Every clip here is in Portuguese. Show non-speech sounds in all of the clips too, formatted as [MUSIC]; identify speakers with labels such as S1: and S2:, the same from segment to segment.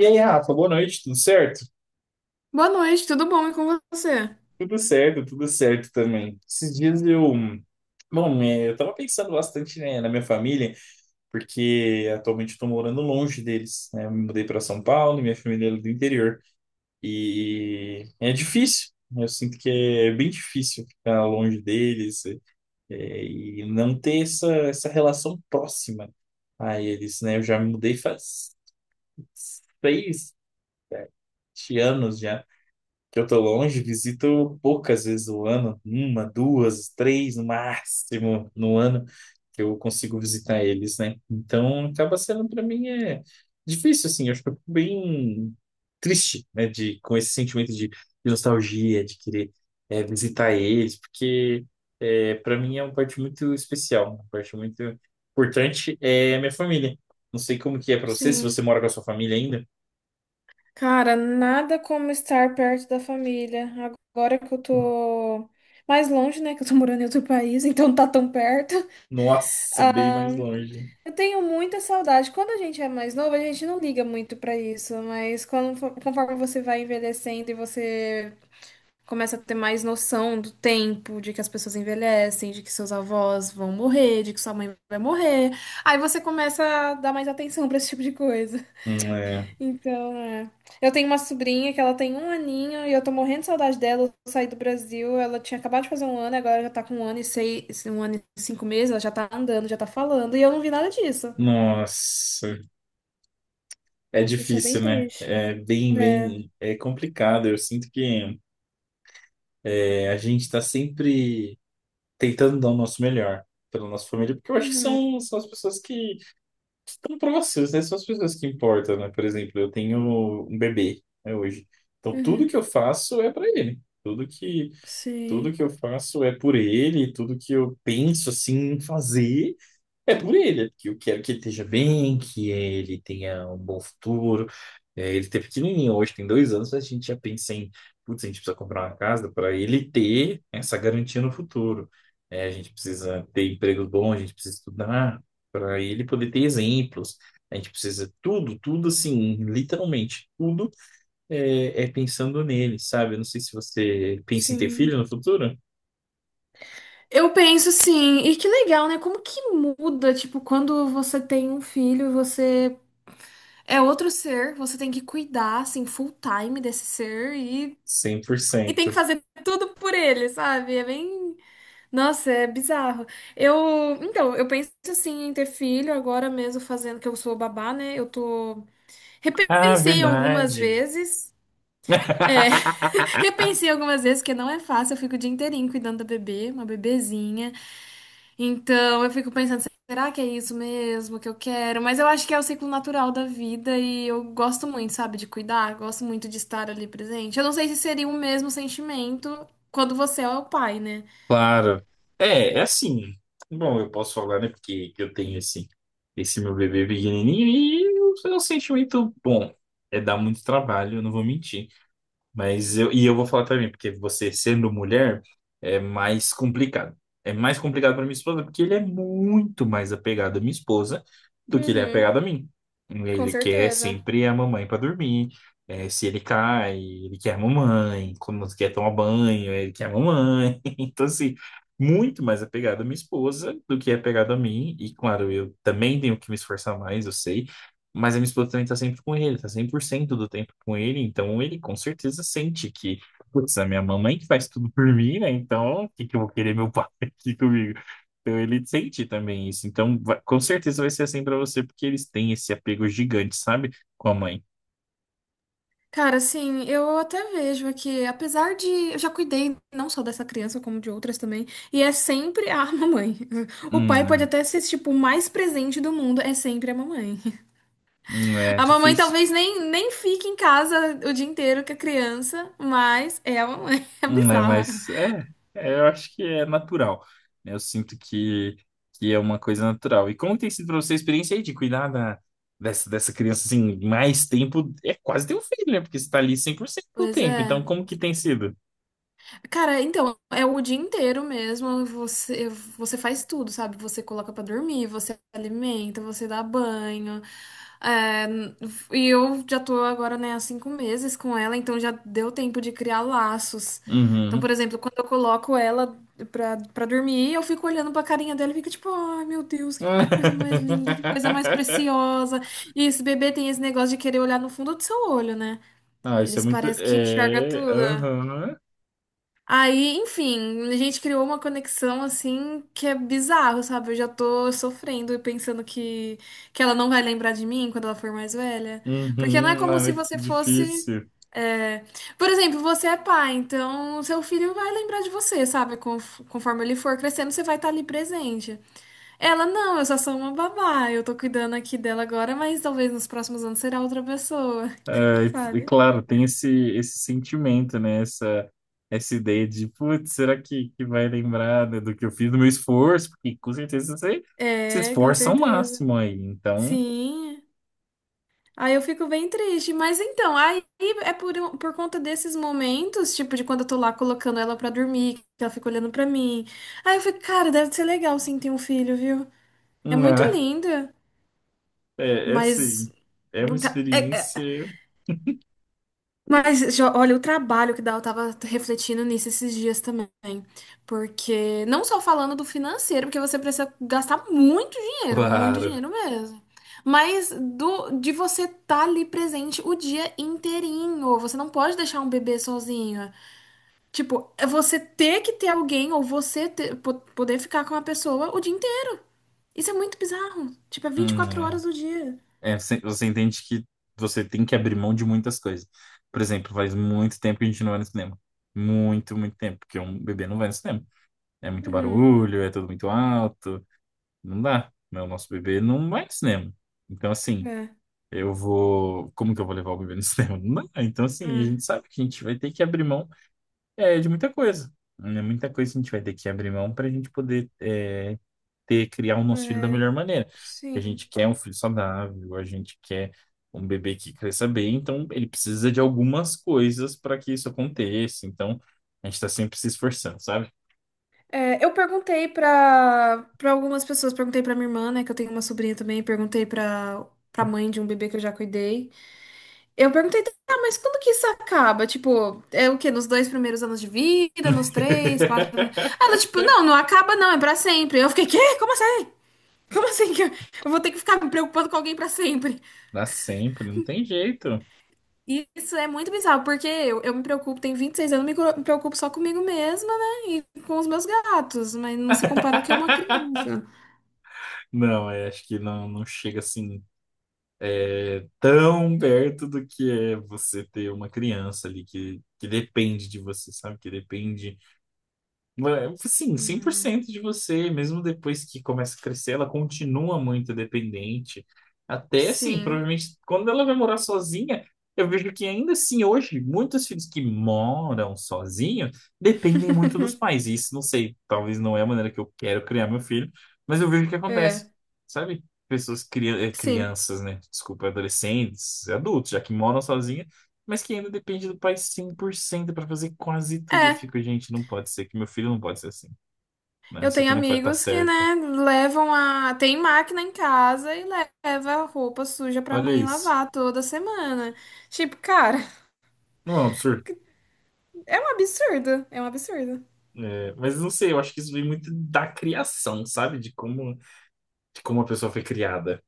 S1: E aí, Rafa, boa noite, tudo certo?
S2: Boa noite, tudo bom e com você?
S1: Tudo certo, tudo certo também. Esses dias eu. Bom, eu tava pensando bastante, né, na minha família, porque atualmente eu tô morando longe deles, né? Eu me mudei para São Paulo e minha família é do interior. E é difícil, né? Eu sinto que é bem difícil ficar longe deles, e não ter essa relação próxima a eles, né? Eu já me mudei faz 6 7 anos já, que eu tô longe, visito poucas vezes o ano, uma, duas, três no máximo no ano que eu consigo visitar eles, né? Então acaba sendo para mim difícil assim, eu acho que eu fico bem triste, né, de com esse sentimento de nostalgia, de querer visitar eles, porque para mim é uma parte muito especial, uma parte muito importante é a minha família. Não sei como que é para você, se
S2: Sim.
S1: você mora com a sua família ainda.
S2: Cara, nada como estar perto da família. Agora que eu tô mais longe, né? Que eu tô morando em outro país, [LAUGHS] então não tá tão perto.
S1: Nossa, bem
S2: Ah,
S1: mais longe.
S2: eu tenho muita saudade. Quando a gente é mais novo, a gente não liga muito pra isso, mas quando, conforme você vai envelhecendo e você começa a ter mais noção do tempo, de que as pessoas envelhecem, de que seus avós vão morrer, de que sua mãe vai morrer, aí você começa a dar mais atenção pra esse tipo de coisa.
S1: Hum. É.
S2: Então, é. Eu tenho uma sobrinha que ela tem um aninho e eu tô morrendo de saudade dela. Eu saí do Brasil, ela tinha acabado de fazer um ano, agora já tá com um ano e seis, um ano e cinco meses, ela já tá andando, já tá falando, e eu não vi nada disso.
S1: Nossa, é
S2: Isso é bem
S1: difícil, né?
S2: triste.
S1: É bem,
S2: É.
S1: bem, é complicado. Eu sinto que a gente está sempre tentando dar o nosso melhor pela nossa família, porque eu acho que
S2: Uhum,
S1: são as pessoas que estão próximas, né? São as pessoas que importam, né? Por exemplo, eu tenho um bebê, né, hoje. Então, tudo
S2: uhum.
S1: que eu faço é para ele. Tudo que, tudo
S2: Sim,
S1: que eu faço é por ele, tudo que eu penso assim em fazer é por ele, é porque eu quero que ele esteja bem, que ele tenha um bom futuro. É, ele tá pequenininho, hoje tem 2 anos, a gente já pensa em, putz, a gente precisa comprar uma casa para ele ter essa garantia no futuro. É, a gente precisa ter emprego bom, a gente precisa estudar para ele poder ter exemplos. A gente precisa tudo, tudo assim, literalmente, tudo é pensando nele, sabe? Eu não sei se você pensa em ter
S2: sim.
S1: filho no futuro.
S2: Eu penso sim. E que legal, né? Como que muda, tipo, quando você tem um filho, você é outro ser, você tem que cuidar, assim, full time desse ser e
S1: cem por
S2: E tem que
S1: cento.
S2: fazer tudo por ele, sabe? É bem. Nossa, é bizarro. Eu. Então, eu penso assim em ter filho agora mesmo, fazendo que eu sou babá, né? Eu tô.
S1: Ah,
S2: Repensei algumas
S1: verdade.
S2: vezes. É, [LAUGHS]
S1: [LAUGHS]
S2: repensei algumas vezes, porque não é fácil. Eu fico o dia inteirinho cuidando da bebê, uma bebezinha. Então, eu fico pensando, será que é isso mesmo que eu quero? Mas eu acho que é o ciclo natural da vida e eu gosto muito, sabe, de cuidar, gosto muito de estar ali presente. Eu não sei se seria o mesmo sentimento quando você é o pai, né?
S1: Claro. É, é assim. Bom, eu posso falar, né? Porque eu tenho esse meu bebê pequenininho é um sentimento bom. É dar muito trabalho, eu não vou mentir. E eu vou falar também, porque você sendo mulher é mais complicado. É mais complicado para minha esposa, porque ele é muito mais apegado à minha esposa do que ele é
S2: Uhum,
S1: apegado a mim.
S2: com
S1: Ele quer
S2: certeza.
S1: sempre a mamãe para dormir. É, se ele cai, ele quer a mamãe. Quando quer tomar banho, ele quer a mamãe. [LAUGHS] Então, assim, muito mais apegado à minha esposa do que é apegado a mim. E, claro, eu também tenho que me esforçar mais, eu sei. Mas a minha esposa também tá sempre com ele, tá 100% do tempo com ele, então ele com certeza sente que, putz, é a minha mamãe que faz tudo por mim, né? Então, o que que eu vou querer meu pai [LAUGHS] aqui comigo? Então ele sente também isso. Então, com certeza vai ser assim pra você, porque eles têm esse apego gigante, sabe? Com a mãe.
S2: Cara, assim, eu até vejo aqui, apesar de. Eu já cuidei não só dessa criança, como de outras também, e é sempre a [LAUGHS] mamãe. O
S1: Hum.
S2: pai pode
S1: É.
S2: até ser, tipo, o mais presente do mundo, é sempre a mamãe.
S1: É
S2: A mamãe
S1: difícil.
S2: talvez nem fique em casa o dia inteiro com a criança, mas é a mamãe. [LAUGHS] É
S1: Né,
S2: bizarra.
S1: mas é, eu acho que é natural, né? Eu sinto que é uma coisa natural. E como tem sido para você a experiência aí de cuidar dessa criança assim, mais tempo? É quase ter um filho, né? Porque você está ali 100% do
S2: Pois
S1: tempo. Então,
S2: é.
S1: como que tem sido?
S2: Cara, então, é o dia inteiro mesmo. Você faz tudo, sabe? Você coloca pra dormir, você alimenta, você dá banho. É, e eu já tô agora, né, há 5 meses com ela, então já deu tempo de criar laços. Então, por
S1: Uhum.
S2: exemplo, quando eu coloco ela pra dormir, eu fico olhando pra carinha dela e fico tipo, ai meu Deus, que coisa mais linda, que coisa mais
S1: [LAUGHS]
S2: preciosa. E esse bebê tem esse negócio de querer olhar no fundo do seu olho, né?
S1: Ah, isso é
S2: Eles
S1: muito.
S2: parecem que enxerga
S1: É.
S2: tudo.
S1: Aham.
S2: Aí, enfim, a gente criou uma conexão assim que é bizarro, sabe? Eu já tô sofrendo e pensando que ela não vai lembrar de mim quando ela for mais velha. Porque não é
S1: Uhum.
S2: como se
S1: Ai, que
S2: você fosse.
S1: difícil.
S2: É, por exemplo, você é pai, então seu filho vai lembrar de você, sabe? Conforme ele for crescendo, você vai estar ali presente. Ela, não, eu só sou uma babá, eu tô cuidando aqui dela agora, mas talvez nos próximos anos será outra pessoa,
S1: É,
S2: [LAUGHS] sabe?
S1: claro, tem esse sentimento, né? Essa ideia de, putz, será que vai lembrar, né, do que eu fiz, do meu esforço? Porque com certeza você se
S2: É, com
S1: esforça ao
S2: certeza.
S1: máximo aí. Então,
S2: Sim. Aí eu fico bem triste, mas então, aí é por conta desses momentos, tipo, de quando eu tô lá colocando ela pra dormir, que ela fica olhando pra mim. Aí eu fico, cara, deve ser legal sim ter um filho, viu? É muito
S1: né? [LAUGHS]
S2: linda,
S1: É assim,
S2: mas.
S1: é uma
S2: Não tá- É,
S1: experiência,
S2: mas, olha, o trabalho que dá, eu tava refletindo nisso esses dias também. Porque, não só falando do financeiro, porque você precisa gastar muito
S1: claro.
S2: dinheiro mesmo. Mas do, de você estar ali presente o dia inteirinho. Você não pode deixar um bebê sozinho. Tipo, é você ter que ter alguém ou você poder ficar com uma pessoa o dia inteiro. Isso é muito bizarro. Tipo, é vinte e quatro
S1: Hum,
S2: horas do dia.
S1: você entende que você tem que abrir mão de muitas coisas. Por exemplo, faz muito tempo que a gente não vai no cinema. Muito, muito tempo, porque um bebê não vai no cinema. É muito
S2: Uhum.
S1: barulho, é tudo muito alto. Não dá, né? O nosso bebê não vai no cinema. Então, assim,
S2: É,
S1: eu vou. Como que eu vou levar o bebê no [LAUGHS] cinema? Não dá. Então, assim, a gente sabe que a gente vai ter que abrir mão de muita coisa. Né? Muita coisa a gente vai ter que abrir mão para a gente poder criar o nosso filho da
S2: é.
S1: melhor maneira. Porque a
S2: Sim.
S1: gente quer um filho saudável, a gente quer um bebê que cresça bem, então ele precisa de algumas coisas para que isso aconteça. Então, a gente está sempre se esforçando, sabe?
S2: É, eu perguntei pra para algumas pessoas, perguntei pra minha irmã, né, que eu tenho uma sobrinha também, perguntei pra para mãe de um bebê que eu já cuidei. Eu perguntei, tá, mas quando que isso acaba? Tipo, é o quê? Nos dois primeiros anos de vida, nos três, quatro. Ela, tipo, não,
S1: [LAUGHS]
S2: não acaba não, é pra sempre. Eu fiquei, quê? Como assim? Como assim que eu vou ter que ficar me preocupando com alguém pra sempre?
S1: Dá sempre, não tem jeito.
S2: E isso é muito bizarro, porque eu me preocupo, tenho 26 anos, me preocupo só comigo mesma, né? E com os meus gatos, mas não se compara ao que é uma
S1: [LAUGHS]
S2: criança.
S1: Não, acho que não, não chega assim tão perto do que é você ter uma criança ali que depende de você, sabe? Que depende Sim, 100% de você, mesmo depois que começa a crescer, ela continua muito dependente. Até assim,
S2: Sim.
S1: provavelmente quando ela vai morar sozinha, eu vejo que ainda assim hoje, muitos filhos que moram sozinhos dependem muito dos
S2: [LAUGHS]
S1: pais. E isso não sei, talvez não é a maneira que eu quero criar meu filho, mas eu vejo que acontece,
S2: É,
S1: sabe? Pessoas,
S2: sim.
S1: crianças, né? Desculpa, adolescentes, adultos, já que moram sozinhos mas que ainda depende do pai 100% para fazer quase tudo. E eu
S2: É,
S1: fico, gente, não pode ser que meu filho não pode ser assim. Né?
S2: eu
S1: Isso
S2: tenho
S1: aqui não vai estar
S2: amigos que,
S1: certo.
S2: né, levam a. Tem máquina em casa e leva a roupa suja pra
S1: Olha
S2: mãe
S1: isso.
S2: lavar toda semana. Tipo, cara,
S1: Não é um absurdo?
S2: [LAUGHS] é um absurdo. É um absurdo.
S1: É, mas não sei, eu acho que isso vem muito da criação, sabe? De como a pessoa foi criada.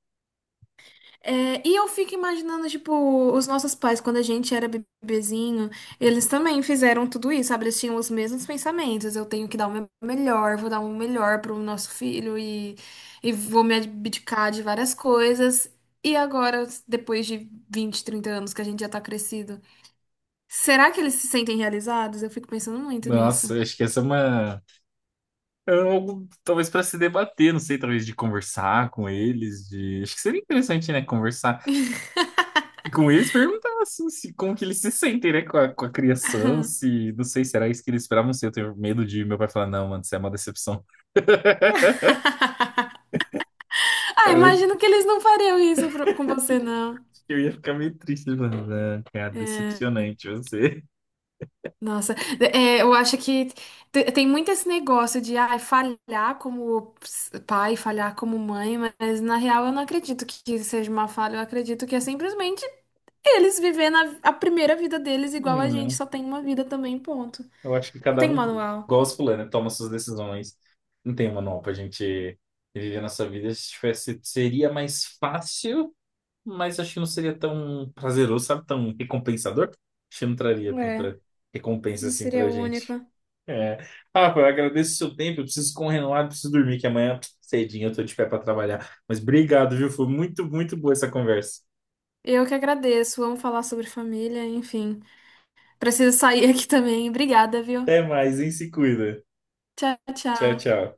S2: É, e eu fico imaginando, tipo, os nossos pais, quando a gente era bebezinho, eles também fizeram tudo isso, sabe? Eles tinham os mesmos pensamentos. Eu tenho que dar o meu melhor, vou dar o melhor pro nosso filho e vou me abdicar de várias coisas. E agora, depois de 20 30 anos que a gente já tá crescido, será que eles se sentem realizados? Eu fico pensando muito nisso.
S1: Nossa, eu acho que essa é uma. É algo, talvez para se debater, não sei, talvez de conversar com eles, de... Acho que seria interessante, né? Conversar. E com eles perguntar assim, se, como que eles se sentem, né, com a criação, se, não sei, será isso que eles esperavam ser? Eu tenho medo de meu pai falar, não, mano, isso é uma decepção. [LAUGHS]
S2: Ah,
S1: Eu acho
S2: imagino que eles não fariam isso com você, não.
S1: que eu ia ficar meio triste, mano, né, cara,
S2: É.
S1: decepcionante você. [LAUGHS]
S2: Nossa, é, eu acho que tem muito esse negócio de ai, falhar como pai, falhar como mãe, mas na real eu não acredito que seja uma falha, eu acredito que é simplesmente eles vivendo a primeira vida deles igual a gente,
S1: Né?
S2: só tem uma vida também, ponto.
S1: Eu acho que
S2: Não
S1: cada
S2: tem
S1: um,
S2: manual.
S1: igual os fulano, toma suas decisões. Não tem manual pra gente viver a nossa vida. Se tivesse, seria mais fácil, mas acho que não seria tão prazeroso, sabe, tão recompensador. Acho que não traria
S2: É,
S1: tanta recompensa
S2: não
S1: assim
S2: seria
S1: pra
S2: o único.
S1: gente. É. Rafa, eu agradeço o seu tempo. Eu preciso correr lá, eu preciso dormir, que amanhã cedinho eu tô de pé para trabalhar. Mas obrigado, viu? Foi muito, muito boa essa conversa.
S2: Eu que agradeço, vamos falar sobre família, enfim. Preciso sair [LAUGHS] aqui também. Obrigada, viu?
S1: Até mais, hein? Se cuida.
S2: Tchau,
S1: Tchau,
S2: tchau.
S1: tchau.